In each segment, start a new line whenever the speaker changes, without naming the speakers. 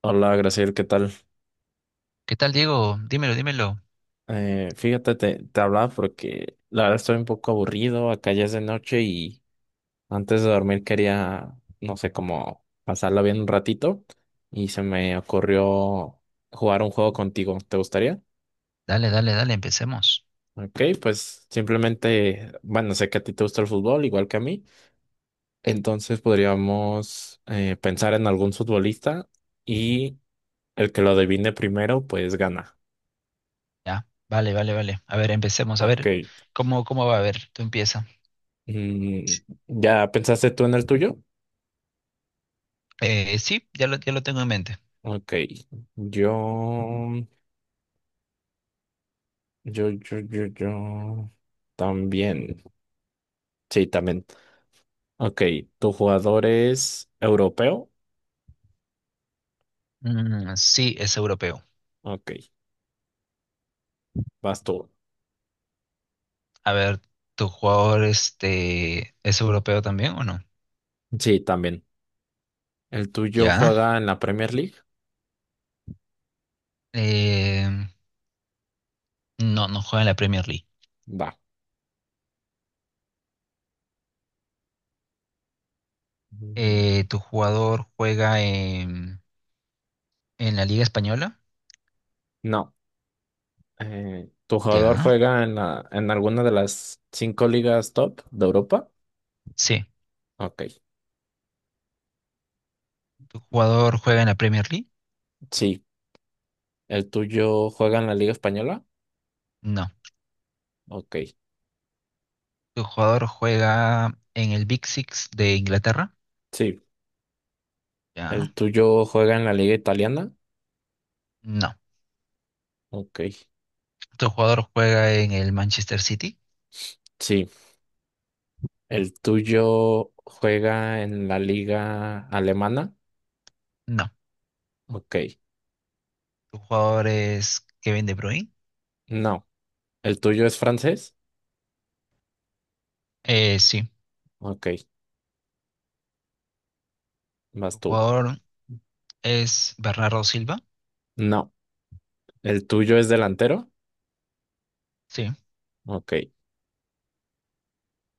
Hola, Graciel, ¿qué tal?
¿Qué tal, Diego? Dímelo, dímelo.
Fíjate, te hablaba porque la verdad estoy un poco aburrido, acá ya es de noche y antes de dormir quería, no sé, como pasarla bien un ratito y se me ocurrió jugar un juego contigo, ¿te gustaría?
Dale, dale, dale, empecemos.
Ok, pues simplemente, bueno, sé que a ti te gusta el fútbol, igual que a mí, entonces podríamos pensar en algún futbolista y el que lo adivine primero, pues gana.
Ya, vale, vale, vale. A ver, empecemos. A
Ok.
ver, ¿cómo, cómo va? A ver, tú empieza.
Mm, ¿Ya pensaste tú en el tuyo?
Sí, ya lo tengo en mente.
Ok, yo, yo también. Sí, también. Ok, ¿tu jugador es europeo?
Mm, sí, es europeo.
Ok, vas tú.
A ver, ¿tu jugador este, es europeo también o no?
Sí, también. ¿El tuyo
Ya.
juega en la Premier League?
Eh, no, no juega en la Premier League.
Va. Mm,
¿tu jugador juega en la Liga Española?
no. ¿Tu jugador
Ya.
juega en en alguna de las cinco ligas top de Europa?
Sí.
Ok,
¿Tu jugador juega en la Premier League?
sí. ¿El tuyo juega en la Liga Española?
No.
Ok.
¿Tu jugador juega en el Big Six de Inglaterra?
Sí.
Ya.
¿El tuyo juega en la liga italiana?
No.
Ok,
¿Tu jugador juega en el Manchester City?
sí. ¿El tuyo juega en la liga alemana?
No.
Ok,
¿Tu jugador es Kevin De Bruyne?
no. ¿El tuyo es francés?
Sí.
Ok, vas
¿Tu
tú.
jugador es Bernardo Silva?
No. ¿El tuyo es delantero?
Sí.
Ok,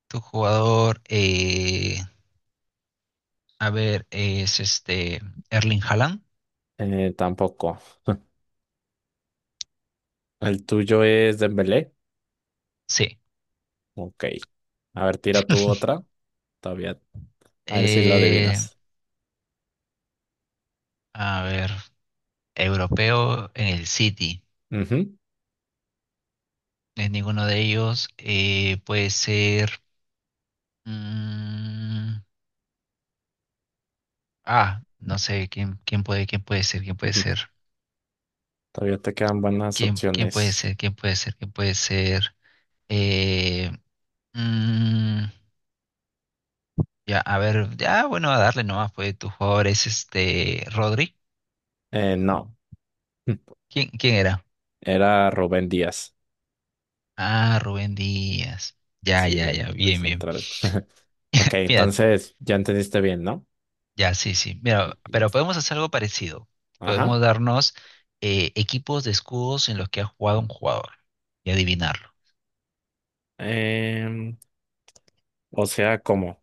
¿Tu jugador, a ver, es este Erling Haaland?
tampoco. ¿El tuyo es Dembélé?
Sí.
Ok. A ver, tira tú otra. Todavía. A ver si lo
Eh,
adivinas.
a ver, europeo en el City.
Ujú,
No, es ninguno de ellos. Puede ser. mm, Ah, no sé quién, quién puede ser, quién puede
ujú.
ser,
Todavía te quedan buenas
quién, quién puede
opciones.
ser, quién puede ser, quién puede ser. Eh, mm, ya, a ver, ya, bueno, a darle nomás, pues tu jugador es este Rodri.
No.
¿Quién, quién era?
Era Rubén Díaz.
Ah, Rubén Díaz. Ya,
Sí,
ya, ya,
el
bien, bien.
central. Ok,
Mira,
entonces ya entendiste bien, ¿no?
ya, sí, sí.
Y-
Mira,
y-
pero podemos hacer algo parecido. Podemos
Ajá.
darnos equipos de escudos en los que ha jugado un jugador y adivinarlo.
Em, o sea, ¿cómo?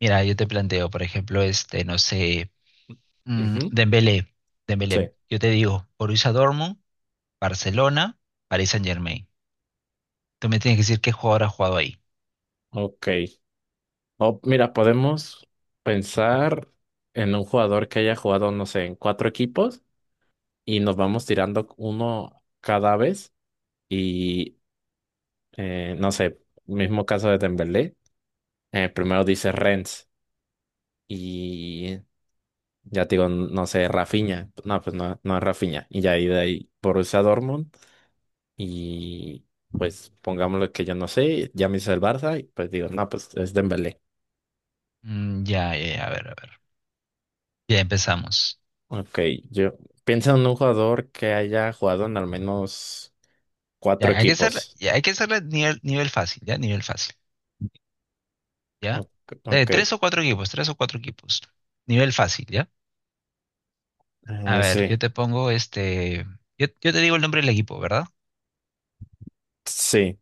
Mira, yo te planteo, por ejemplo, este, no sé. Mm,
Ujú,
Dembélé,
sí,
Dembélé, yo te digo, Borussia Dortmund, Barcelona, Paris Saint-Germain. Tú me tienes que decir qué jugador ha jugado ahí.
ok. O, mira, podemos pensar en un jugador que haya jugado, no sé, en cuatro equipos y nos vamos tirando uno cada vez y, no sé, mismo caso de Dembélé, primero dice Rennes y ya te digo, no sé, Rafinha. No, pues no, no es Rafinha. Y ya ahí de ahí Borussia Dortmund. Y pues pongámoslo que yo no sé, ya me hice el Barça. Y pues digo, no, pues es Dembélé.
Ya, ya, ya, a ver, a ver. Ya empezamos.
Ok, yo pienso en un jugador que haya jugado en al menos cuatro
Ya, hay que hacerla,
equipos.
ya, hay que hacerla nivel, nivel fácil, ya, nivel fácil, ya.
Ok, ok,
Tres o cuatro equipos, tres o cuatro equipos. Nivel fácil, ya. A ver,
sí,
yo te pongo este, yo te digo el nombre del equipo, ¿verdad?
sí.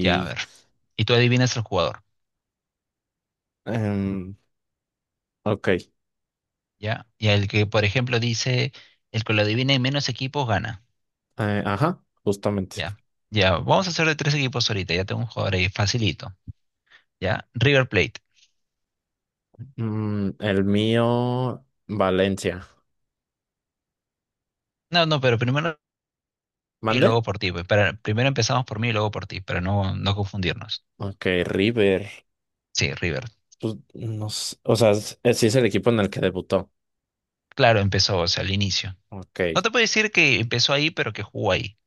Ya, a ver. Y tú adivinas el jugador,
em, ok,
ya. Y el que, por ejemplo, dice, el que lo adivine en menos equipos gana.
ajá, justamente.
Ya, ya, vamos a hacer de tres equipos ahorita, ya tengo un jugador ahí, facilito, ¿ya? River Plate.
Mm, el mío, Valencia.
No, no, pero primero y luego
¿Mande?
por ti, pues, para, primero empezamos por mí y luego por ti, para no, no confundirnos.
Ok, River.
Sí, River.
Pues, no sé, o sea, sí es el equipo en el que debutó.
Claro, empezó, o sea, al inicio. No
Ok.
te puedo decir que empezó ahí, pero que jugó ahí.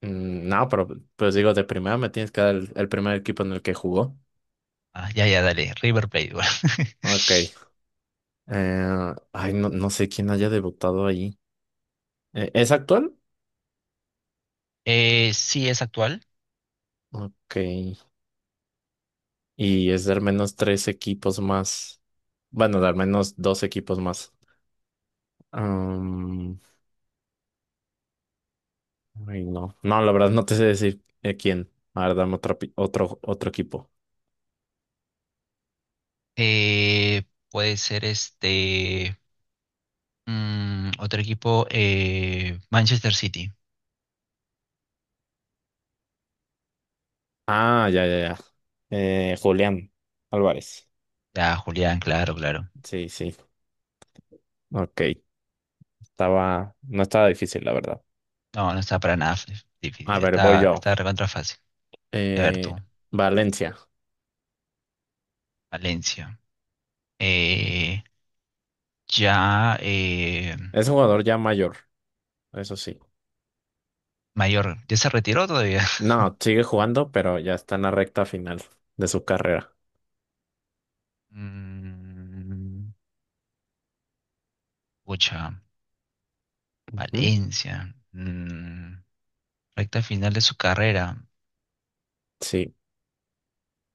Mm, no, pero pues digo, de primera me tienes que dar el primer equipo en el que jugó.
Ah, ya, ya, dale, River Plate. Bueno.
Ok. Ay, no, no sé quién haya debutado ahí. ¿Es actual?
Sí, es actual.
Ok. Y es de al menos tres equipos más. Bueno, de al menos dos equipos más. Am, ay, no. No, la verdad no te sé decir quién. A ver, dame otro, otro, otro equipo.
Eh, Puede ser este, otro equipo, Manchester City.
Ah, ya, ya, ya. Julián Álvarez.
Ah, Julián, claro, claro.
Sí, sí. Ok. Estaba, no estaba difícil, la verdad.
No, no está para nada
A
difícil.
ver, voy
Está,
yo.
está recontra fácil. A ver
Eh,
tú,
Valencia.
Valencia. Eh, ya eh,
Es un jugador ya mayor, eso sí.
Mayor. ¿Ya se retiró todavía?
No, sigue jugando, pero ya está en la recta final de su carrera.
Mm, Pucha,
Ujú.
Valencia. Mm, recta final de su carrera.
Sí.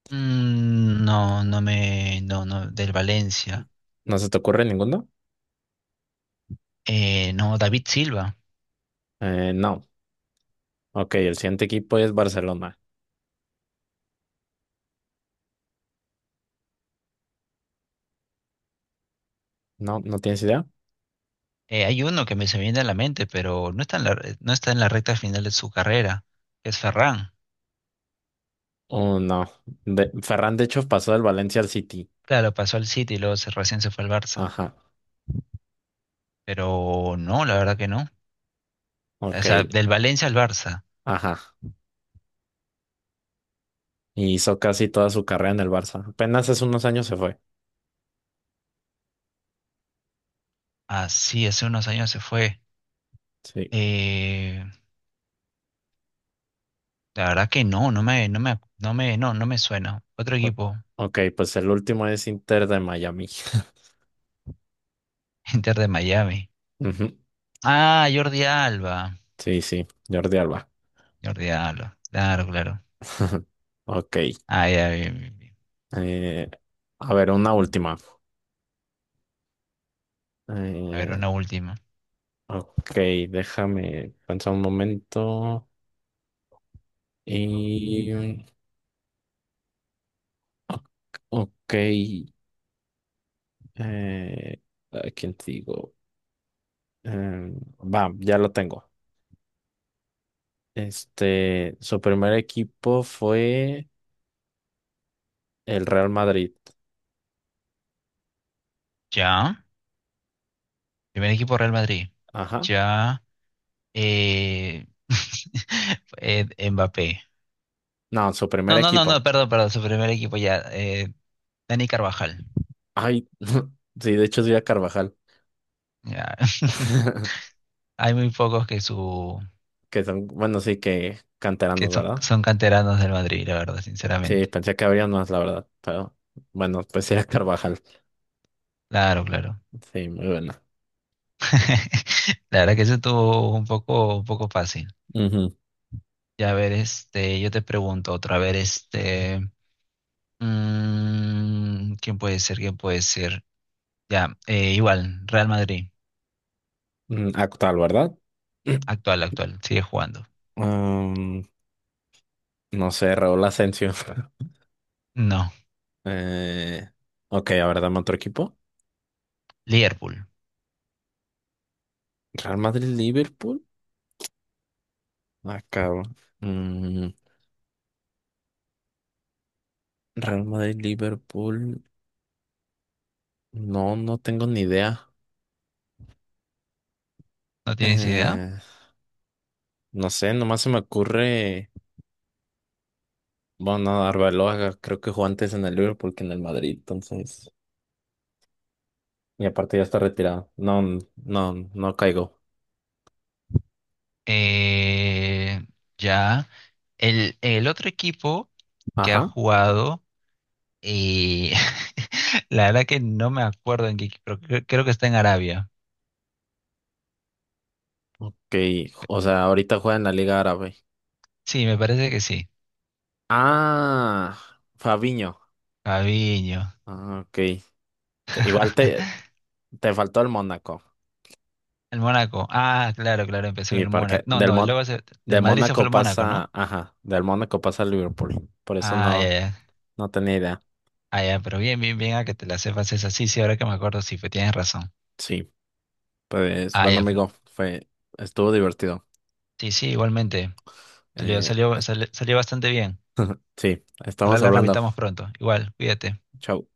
Mm, no, no me. No, no, del Valencia.
¿No se te ocurre ninguno?
No, David Silva.
No. Ok, el siguiente equipo es Barcelona. No, ¿no tienes idea?
Hay uno que me se me viene a la mente, pero no está en no está en la recta final de su carrera. Es Ferran.
Oh, no. De, Ferran, de hecho, pasó del Valencia al City.
Claro, pasó al City y luego recién se fue al Barça.
Ajá.
Pero no, la verdad que no. O
Ok.
sea, del Valencia al Barça.
Ajá. Y hizo casi toda su carrera en el Barça. Apenas hace unos años se fue.
Ah, sí, hace unos años se fue.
Sí.
Eh, la verdad que no, no me suena. Otro
O-
equipo,
Ok, pues el último es Inter de Miami.
Inter de Miami.
Ujú.
Ah, Jordi Alba.
Sí, sí, Jordi Alba.
Jordi Alba. Claro, claro.
Ok.
Ah, ya, bien, bien, bien.
Eh, a ver, una última.
A ver,
Eh,
una última.
ok, déjame pensar un momento. Y. Ok. ¿A quién te digo? Va, ya lo tengo. Este, su primer equipo fue el Real Madrid.
Ya. Primer equipo Real Madrid.
Ajá.
Ya. Eh, Mbappé.
No, su primer
No, no, no, no,
equipo.
perdón, perdón, su primer equipo ya. Dani Carvajal.
Ay, sí, de hecho es Frida Carvajal.
Ya. Hay muy pocos que su
Que son, bueno, sí que
que
canteranos,
son,
¿verdad?
son canteranos del Madrid, la verdad,
Sí,
sinceramente.
pensé que habría más, la verdad. Pero bueno, pues era Carvajal.
Claro, claro.
Sí, muy buena.
La verdad que eso estuvo un poco fácil.
Ujú.
Ya a ver, este, yo te pregunto otra, a ver, este, ¿quién puede ser? ¿Quién puede ser? Ya, igual, Real Madrid,
Mm, actual, ¿verdad?
actual, actual, sigue jugando.
Um, no sé, Raúl Asensio.
No,
Eh, ok, a ver, dame otro equipo.
Liverpool,
Real Madrid-Liverpool. Acabo. Mm, Real Madrid-Liverpool. No, no tengo ni idea.
¿no tienes idea?
Eh, no sé, nomás se me ocurre. Bueno, no, Arbeloa creo que jugó antes en el Liverpool que en el Madrid, entonces. Y aparte ya está retirado. No, no, no caigo.
Eh, ya. El otro equipo que ha
Ajá.
jugado, y la verdad que no me acuerdo en qué equipo, pero creo, creo que está en Arabia.
Ok. O sea, ahorita juega en la Liga Árabe.
Sí, me parece que sí.
Ah, Fabiño.
Fabinho.
Ah, ok. Igual te faltó el Mónaco.
El Mónaco. Ah, claro, claro, empezó en
Sí,
el Mónaco.
porque
No, no, luego del
Del
Madrid se fue
Mónaco
al Mónaco, ¿no?
pasa. Ajá. Del Mónaco pasa al Liverpool. Por eso
Ah, ya,
no,
ya.
no tenía idea.
Ah, ya, pero bien, bien, bien, a que te la sepas esa. Sí, sí, ahora que me acuerdo, sí, pues tienes razón.
Sí. Pues
Ah,
bueno,
ya, pues.
amigo, fue, estuvo divertido.
Sí, sí, igualmente. Salió,
Eh,
salió,
es-
salió bastante bien.
sí,
Ojalá
estamos
la
hablando.
repitamos pronto. Igual, cuídate.
Chau.